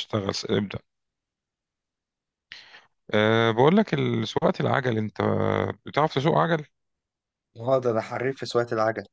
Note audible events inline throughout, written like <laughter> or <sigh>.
اشتغل ابدأ. بقول لك سواقة العجل. انت بتعرف تسوق عجل؟ اه، ده انا حريف في سواقة العجل.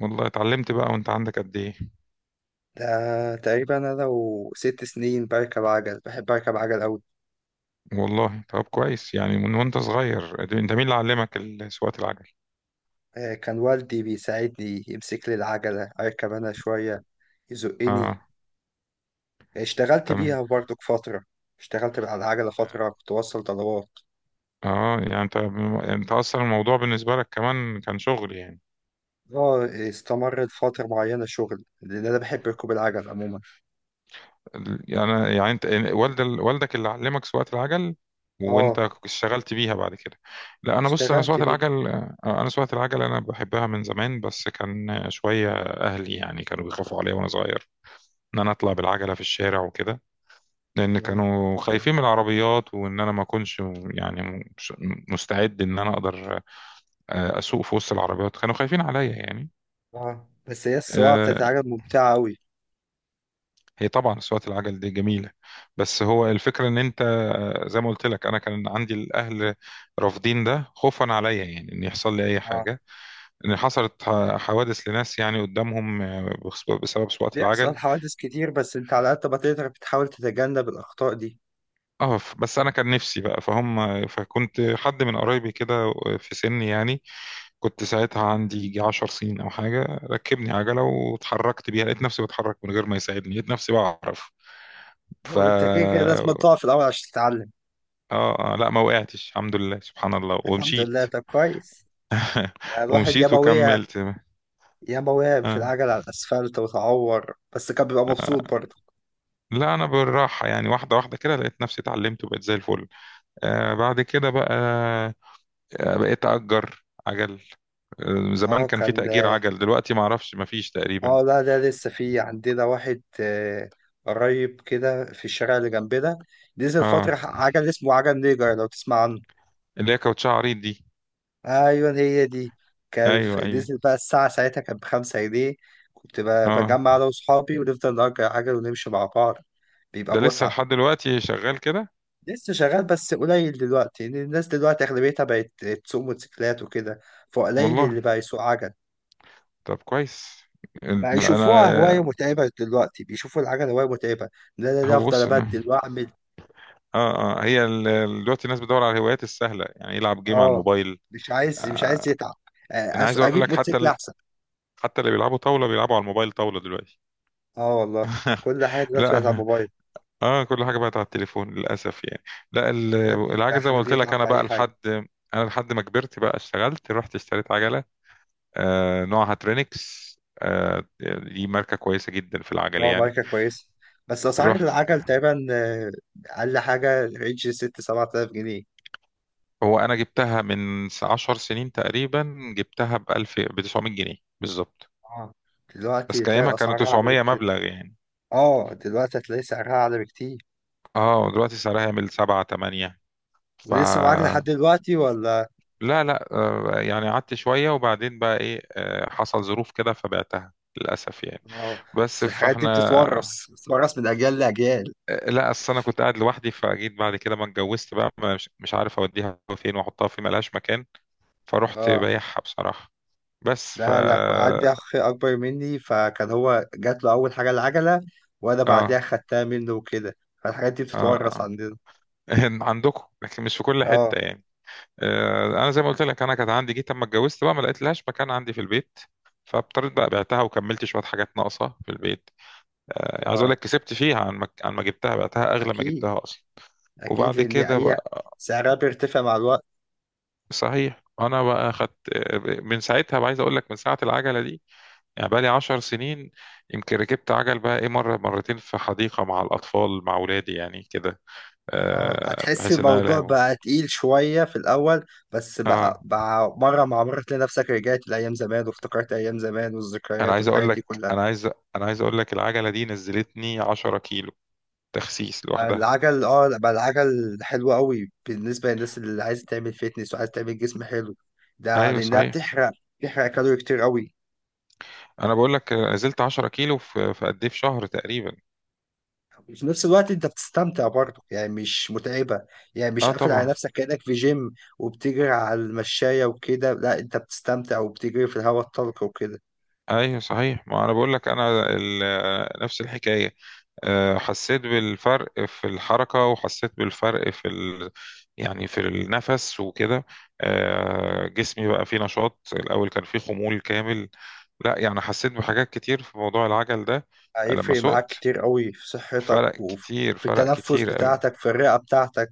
والله اتعلمت بقى. وانت عندك قد ايه؟ ده تقريبا انا لو ست سنين بركب عجل، بحب اركب عجل قوي. والله، طب كويس، يعني من وانت صغير. انت مين اللي علمك سواقة العجل؟ كان والدي بيساعدني يمسك لي العجلة اركب انا شوية. اه. يزقني. اشتغلت تمام. بيها برضك فترة. اشتغلت على العجلة فترة، كنت بوصل طلبات. اه، يعني انت اصلا الموضوع بالنسبة لك كمان كان شغل يعني. اه، استمرت فترة معينة شغل لان انا بحب ركوب العجل عموما. يعني انت يعني والدك اللي علمك سواقة العجل، اه، وانت اشتغلت بيها بعد كده. لا انا بص، اشتغلت بيها. انا سواقة العجل، انا بحبها من زمان، بس كان شوية اهلي يعني كانوا بيخافوا عليا وانا صغير ان انا اطلع بالعجلة في الشارع وكده. لان اه. كانوا خايفين من العربيات، وان انا ما اكونش يعني مستعد ان انا اقدر اسوق في وسط العربيات. كانوا خايفين عليا يعني. آه. بس هي السواقة بتاعت آه، العجل ممتعة قوي. هي طبعا أصوات العجل دي جميلة. بس هو الفكرة إن أنت زي ما قلت لك أنا كان عندي الأهل رافضين ده خوفا عليا، يعني إن يحصل لي أي حاجة. إن حصلت حوادث لناس يعني قدامهم بسبب سواقة بيحصل العجل. حوادث كتير، بس انت على قد ما تقدر بتحاول تتجنب الأخطاء دي. بس أنا كان نفسي بقى فهم، فكنت حد من قرايبي كده، في سني يعني، كنت ساعتها عندي يجي 10 سنين أو حاجة. ركبني عجلة واتحركت بيها، لقيت نفسي بتحرك من غير ما يساعدني، لقيت نفسي بعرف. ف هو انت كده كده لازم تقع في الأول عشان تتعلم. اه، اه، لا ما وقعتش، الحمد لله، سبحان الله، الحمد ومشيت. لله، طب كويس. ده الواحد ومشيت ياما وقع. وكملت. ياما وقع في آه. العجل على الأسفلت وتعور، بس كان بيبقى مبسوط برضه. لا انا بالراحه، يعني واحده واحده كده لقيت نفسي اتعلمت، وبقيت زي الفل. بعد كده بقى، بقيت اجر عجل. زمان اه، كان في كان. تأجير عجل، دلوقتي ما اعرفش، ما فيش تقريبا. اه، لا ده لسه في عندنا واحد. آه، قريب كده في الشارع اللي جنبنا. نزل فترة اه، عجل اسمه عجل نيجر، لو تسمع عنه. اللي هي كاوتشة عريض دي. ايوه، هي دي. ايوه، ايوه. نزل بقى الساعة، ساعتها كانت بخمسة جنيه. كنت اه، بجمع انا وصحابي ونفضل نأجر عجل ونمشي مع بعض. بيبقى ده لسه متعة. لحد دلوقتي شغال كده؟ لسه شغال بس قليل دلوقتي، لأن الناس دلوقتي أغلبيتها بقت تسوق موتوسيكلات وكده. فقليل والله، اللي بقى يسوق عجل. طب كويس، بقى يشوفوها هواية انا. متعبة، دلوقتي بيشوفوا العجل هواية متعبة. لا، لا، لا، هو أفضل بص، أبدل وأعمل. اه، اه، هي دلوقتي الناس بتدور على الهوايات السهله، يعني يلعب جيم على أه، الموبايل. مش عايز يتعب. انا عايز اقول أجيب لك حتى موتوسيكل أحسن. حتى اللي بيلعبوا طاوله بيلعبوا على الموبايل طاوله دلوقتي. أه، والله كل حاجة دلوقتي بقت على لا الموبايل. <laughs> اه، كل حاجه بقت على التليفون للاسف يعني. لا، محدش بقى العجله زي ما حابب قلت يتعب لك انا في بقى أي حاجة. لحد، انا لحد ما كبرت بقى اشتغلت، رحت اشتريت عجله. نوعها ترينكس. آه دي ماركه كويسه جدا في العجل اه، يعني. ماركة كويسة. بس أسعار رحت. العجل تقريبا، أقل حاجة رينج ست سبعة آلاف جنيه. هو انا جبتها من 10 سنين تقريبا، جبتها ب 1000، ب 900 جنيه بالظبط. اه، بس دلوقتي تلاقي كايامها كانوا الأسعار أعلى 900 بكتير. مبلغ يعني. اه، دلوقتي هتلاقي سعرها أعلى بكتير. اه، دلوقتي سعرها يعمل سبعة تمانية. ف ولسه معاك لحد دلوقتي ولا؟ لا، لا، يعني قعدت شوية، وبعدين بقى ايه، حصل ظروف كده فبعتها للأسف يعني. اه، بس بس الحاجات دي بتتورث فاحنا. بتتورث من أجيال لأجيال. لا أصل أنا كنت قاعد لوحدي، فجيت بعد كده ما اتجوزت بقى مش عارف أوديها فين وأحطها فين، ملهاش مكان. فرحت اه، بايعها بصراحة. بس لا أنا اه، عندي أخ أكبر مني، فكان هو جات له أول حاجة العجلة. وأنا اه بعديها خدتها منه وكده. فالحاجات دي بتتورث آه. عندنا. <laughs> عندكم، لكن مش في كل حتة اه، يعني. انا زي ما قلت لك انا كانت عندي، جيت اما اتجوزت بقى ما لقيت لهاش مكان عندي في البيت. فاضطريت بقى بعتها، وكملت شويه حاجات ناقصه في البيت. عايز اقول لك اه، كسبت فيها، عن ما جبتها بعتها اغلى ما أكيد. جبتها اصلا. اكيد وبعد لان كده هي بقى. سعرها بيرتفع مع الوقت. صحيح، انا بقى خدت من ساعتها بقى، عايز اقول لك من ساعه العجله دي، يعني بقى لي 10 سنين. يمكن ركبت عجل بقى ايه مره مرتين في حديقه مع الاطفال، مع اولادي يعني كده، اه، هتحس بحيث ان انا الموضوع ألهمهم. بقى تقيل شوية في الأول. بس بقى, اه، بقى مرة مع مرة تلاقي نفسك رجعت لأيام زمان، وافتكرت أيام زمان انا والذكريات عايز اقول والحاجات دي لك كلها. انا عايز انا عايز اقول لك العجله دي نزلتني 10 كيلو، تخسيس لوحدها. العجل، اه لا، بقى العجل حلو قوي بالنسبة للناس اللي عايزة تعمل فيتنس وعايزة تعمل جسم حلو. ده ايوه لأنها صحيح، بتحرق. بتحرق كالوري كتير قوي. انا بقول لك نزلت 10 كيلو في قد ايه، في شهر تقريبا. وفي نفس الوقت انت بتستمتع برضه، يعني مش متعبة. يعني مش اه قافل على طبعا. نفسك كأنك في جيم وبتجري على المشاية وكده. لا، انت بتستمتع وبتجري في الهواء الطلق وكده. ايوه صحيح، ما انا بقول لك انا نفس الحكايه. حسيت بالفرق في الحركه، وحسيت بالفرق في يعني في النفس وكده. جسمي بقى فيه نشاط، الاول كان فيه خمول كامل. لا يعني حسيت بحاجات كتير في موضوع العجل ده لما هيفرق معاك سوقت. كتير قوي في فرق صحتك، وفي كتير، في فرق التنفس كتير. بتاعتك، في الرئة بتاعتك.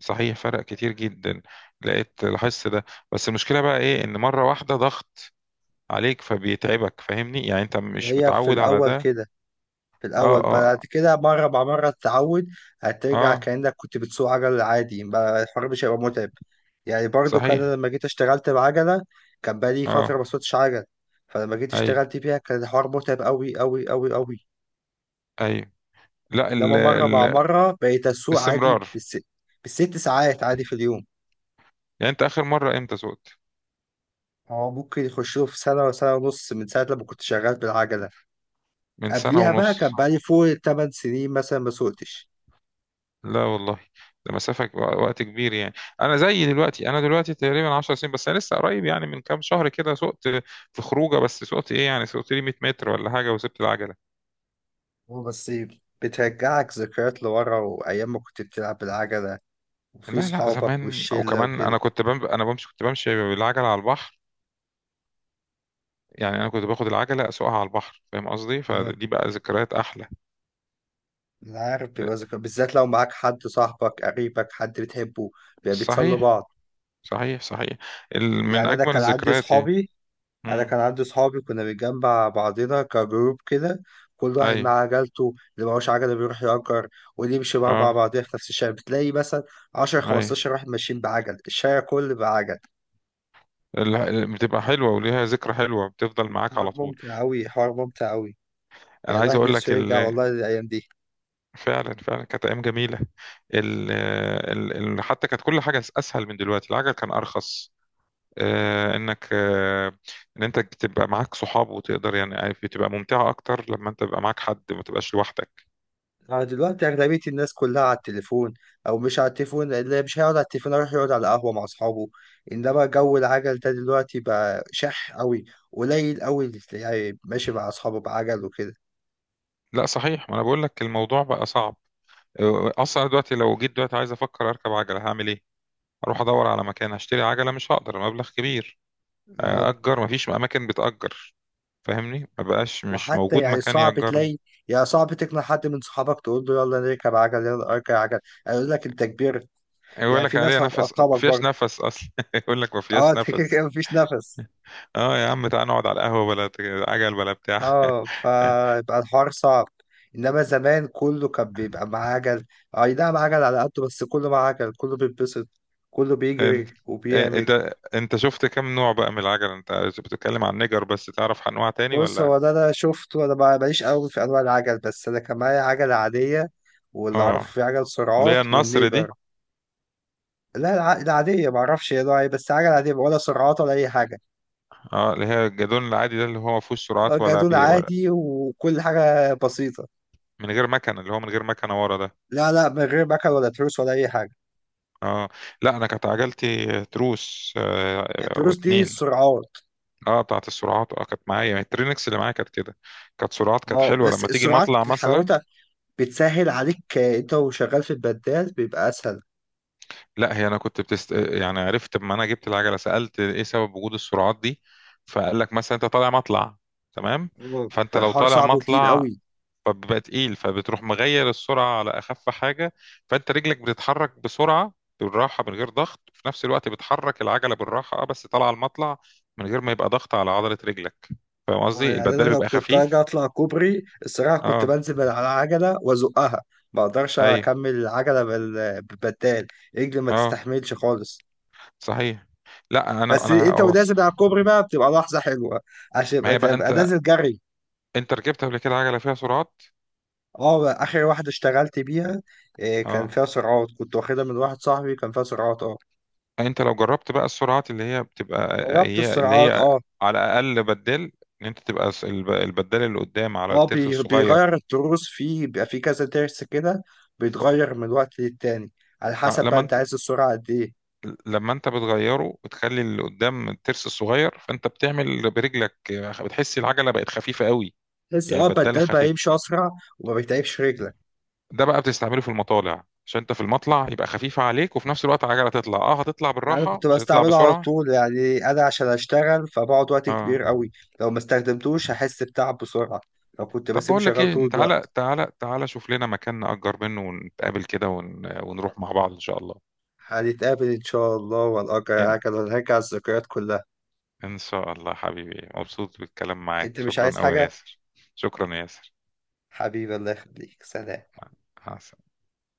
صحيح، فرق كتير جدا. لاحظت ده. بس المشكلة بقى ايه، ان مرة واحدة ضغط عليك فبيتعبك، فاهمني؟ يعني انت مش هي في متعود على الأول ده. كده. في اه، الأول، بعد اه، كده مرة مع مرة تتعود. هترجع اه، كأنك كنت بتسوق عجل عادي، بقى الحوار مش هيبقى متعب. يعني برضو كان أنا صحيح، لما جيت اشتغلت بعجلة، كان بقالي اه، فترة ما سوقتش عجل. فلما جيت ايوه، اشتغلت بيها كان الحوار متعب أوي أوي أوي أوي. ايوه. لا إنما ال مرة مع ال مرة بقيت أسوق عادي الاستمرار. بالست ساعات عادي في اليوم. يعني انت اخر مرة امتى سوقت؟ هو ممكن يخشوا في سنة ولا سنة ونص من ساعة لما كنت شغال بالعجلة. من سنة قبليها بقى كان ونص. بقالي فوق تمن سنين مثلا ما سوقتش. لا والله، ده مسافة وقت كبير يعني. انا دلوقتي تقريبا 10 سنين، بس انا لسه قريب يعني من كام شهر كده سوقت، في خروجه بس، سوقت ايه يعني، سوقت لي 100 متر ولا حاجه، وسبت العجله. هو بس بترجعك ذكريات لورا وأيام ما كنت بتلعب بالعجلة، وفي لا، لا، صحابك زمان او والشلة كمان انا وكده. كنت بم... انا بمشي كنت بمشي بالعجله على البحر. يعني انا كنت باخد العجله اسوقها على البحر، فاهم قصدي؟ أه. فدي بقى ذكريات احلى. أنا عارف بيبقى ذكريات، بالذات لو معاك حد صاحبك قريبك حد بتحبه، بيبقى بتسلوا صحيح، بعض. صحيح، صحيح. من يعني أنا اجمل كان عندي الذكريات يعني. صحابي أنا امم. كان عندي صحابي كنا بنجمع بعضنا كجروب كده. كل واحد اي، معاه عجلته، اللي معهوش عجلة بيروح يأجر. ونمشي بقى مع اه، بعضنا في نفس الشارع، بتلاقي مثلا 10 اي. 15 واحد ماشيين بعجل، الشارع كله بعجل. بتبقى حلوه وليها ذكرى حلوه بتفضل معاك حوار على طول. ممتع أوي، حوار ممتع أوي. انا يعني عايز الواحد اقول لك نفسه يرجع والله للأيام دي. فعلا، فعلا كانت ايام جميله. ال... ال... حتى كانت كل حاجه اسهل من دلوقتي، العجل كان ارخص، آه، انك آه، ان انت تبقى معاك صحاب وتقدر، يعني عارف، بتبقى ممتعة اكتر لما انت تبقى معاك حد ما تبقاش لوحدك. أنا دلوقتي أغلبية الناس كلها على التليفون. أو مش على التليفون، اللي مش هيقعد على التليفون يروح يقعد على قهوة مع أصحابه. إنما جو العجل ده دلوقتي بقى شح أوي. قليل أوي اللي تلاقيه ماشي مع أصحابه بعجل وكده. لا صحيح، ما انا بقول لك الموضوع بقى صعب، اصلا دلوقتي، لو جيت دلوقتي عايز افكر اركب عجلة، هعمل ايه؟ اروح ادور على مكان هشتري عجلة، مش هقدر، مبلغ كبير. اه، اجر، ما فيش اماكن بتأجر، فاهمني؟ ما بقاش، مش وحتى موجود يعني مكان صعب يأجر لي. تلاقي. يعني صعب تقنع حد من صحابك تقول له يلا نركب عجل، يلا اركب عجل. هيقول لك انت كبرت. يقول يعني لك في عليها ناس نفس ما هتقطعك فيهاش برضه. نفس اصلا. <laughs> يقول لك ما اه، فيهاش انت كده نفس. كده مفيش نفس. اه يا عم، تعال نقعد على القهوة، بلا عجل بلا بتاع. اه، فيبقى الحوار صعب. انما زمان كله كان بيبقى معاه عجل. اي نعم عجل على قده، بس كله معاه عجل، كله بيتبسط، كله انت، بيجري وبيعمل. انت شفت كم نوع بقى من العجل انت؟ بتتكلم عن نجر، بس تعرف انواع تاني بص، ولا؟ هو ده انا شفته، انا ماليش قوي في انواع العجل، بس انا كان معايا عجلة عادية. واللي اعرفه اه، في عجل اللي سرعات هي النصر دي. والنيجر. لا، العادية ما اعرفش هي نوعها ايه، بس عجلة عادية ولا سرعات ولا اي حاجة. اه، اللي هي الجدون العادي ده، اللي هو ما فيهوش سرعات ولا جادون بي ولا عادي، وكل حاجة بسيطة. من غير مكنه، اللي هو من غير مكنه ورا ده. لا، لا، من غير مكن ولا تروس ولا اي حاجة. اه، لا انا كانت عجلتي تروس. التروس دي واتنين. السرعات. اه، بتاعت السرعات، اه، كانت معايا يعني الترينكس اللي معايا كانت كده، كانت سرعات، كانت اه، حلوه بس لما تيجي السرعات مطلع مثلا. حلاوتها بتسهل عليك، انت وشغال في البدال بيبقى اسهل. لا هي انا يعني عرفت، لما انا جبت العجله سالت ايه سبب وجود السرعات دي. فقال لك مثلا انت طالع مطلع. تمام. هو فانت لو الحوار طالع صعب وتقيل مطلع، قوي. فبيبقى تقيل، فبتروح مغير السرعه على اخف حاجه. فانت رجلك بتتحرك بسرعه، بالراحه من غير ضغط، وفي نفس الوقت بتحرك العجله بالراحه، اه بس طالعه المطلع، من غير ما يبقى ضغط على عضله رجلك، فاهم اه، قصدي؟ يعني انا البدال لو بيبقى كنت اجي خفيف. اطلع كوبري الصراحه كنت اه، بنزل من على العجله وازقها. ما اقدرش اي، اكمل العجله بالبدال. رجلي ما اه، تستحملش خالص. صحيح، لا انا بس انا انت أوص. ونازل على الكوبري بقى بتبقى لحظه حلوه، عشان ما هي بقى تبقى انت نازل جري. انت ركبت قبل كده عجله فيها سرعات؟ اه، اخر واحده اشتغلت بيها كان اه، فيها سرعات. كنت واخدها من واحد صاحبي، كان فيها سرعات. اه. انت لو جربت بقى السرعات اللي هي بتبقى جربت هي اللي السرعات. هي، اه. على اقل بدال، ان انت تبقى البدال اللي قدام على اه، الترس الصغير. بيغير التروس فيه، بيبقى فيه كذا ترس كده. ف- بيتغير من وقت للتاني على آه، حسب بقى لما انت انت عايز السرعة قد ايه. لما انت بتغيره وتخلي اللي قدام الترس الصغير، فانت بتعمل برجلك، بتحس العجله بقت خفيفه قوي، بس يعني بدال بدل بقى خفيف. يمشي اسرع، وما بيتعبش رجلك. ده بقى بتستعمله في المطالع، عشان انت في المطلع يبقى خفيفه عليك، وفي نفس الوقت العجله تطلع، اه هتطلع يعني انا بالراحه، كنت مش هتطلع بستعمله على بسرعه. طول، يعني انا عشان اشتغل فبقعد وقت اه، كبير قوي. لو ما استخدمتوش هحس بتعب بسرعة لو كنت طب بسيبه بقول لك شغال ايه، طول انت تعالى، الوقت. تعالى، تعالى، شوف لنا مكان نأجر منه، ونتقابل كده ونروح مع بعض ان شاء الله. هنتقابل ان شاء الله، وهنأجر ان عجلة ونرجع الذكريات كلها. إن شاء الله حبيبي، مبسوط بالكلام انت معاك، مش عايز شكرا قوي يا حاجة؟ ياسر. شكرا يا ياسر. حبيبي، الله يخليك، سلام. مع مع السلامة.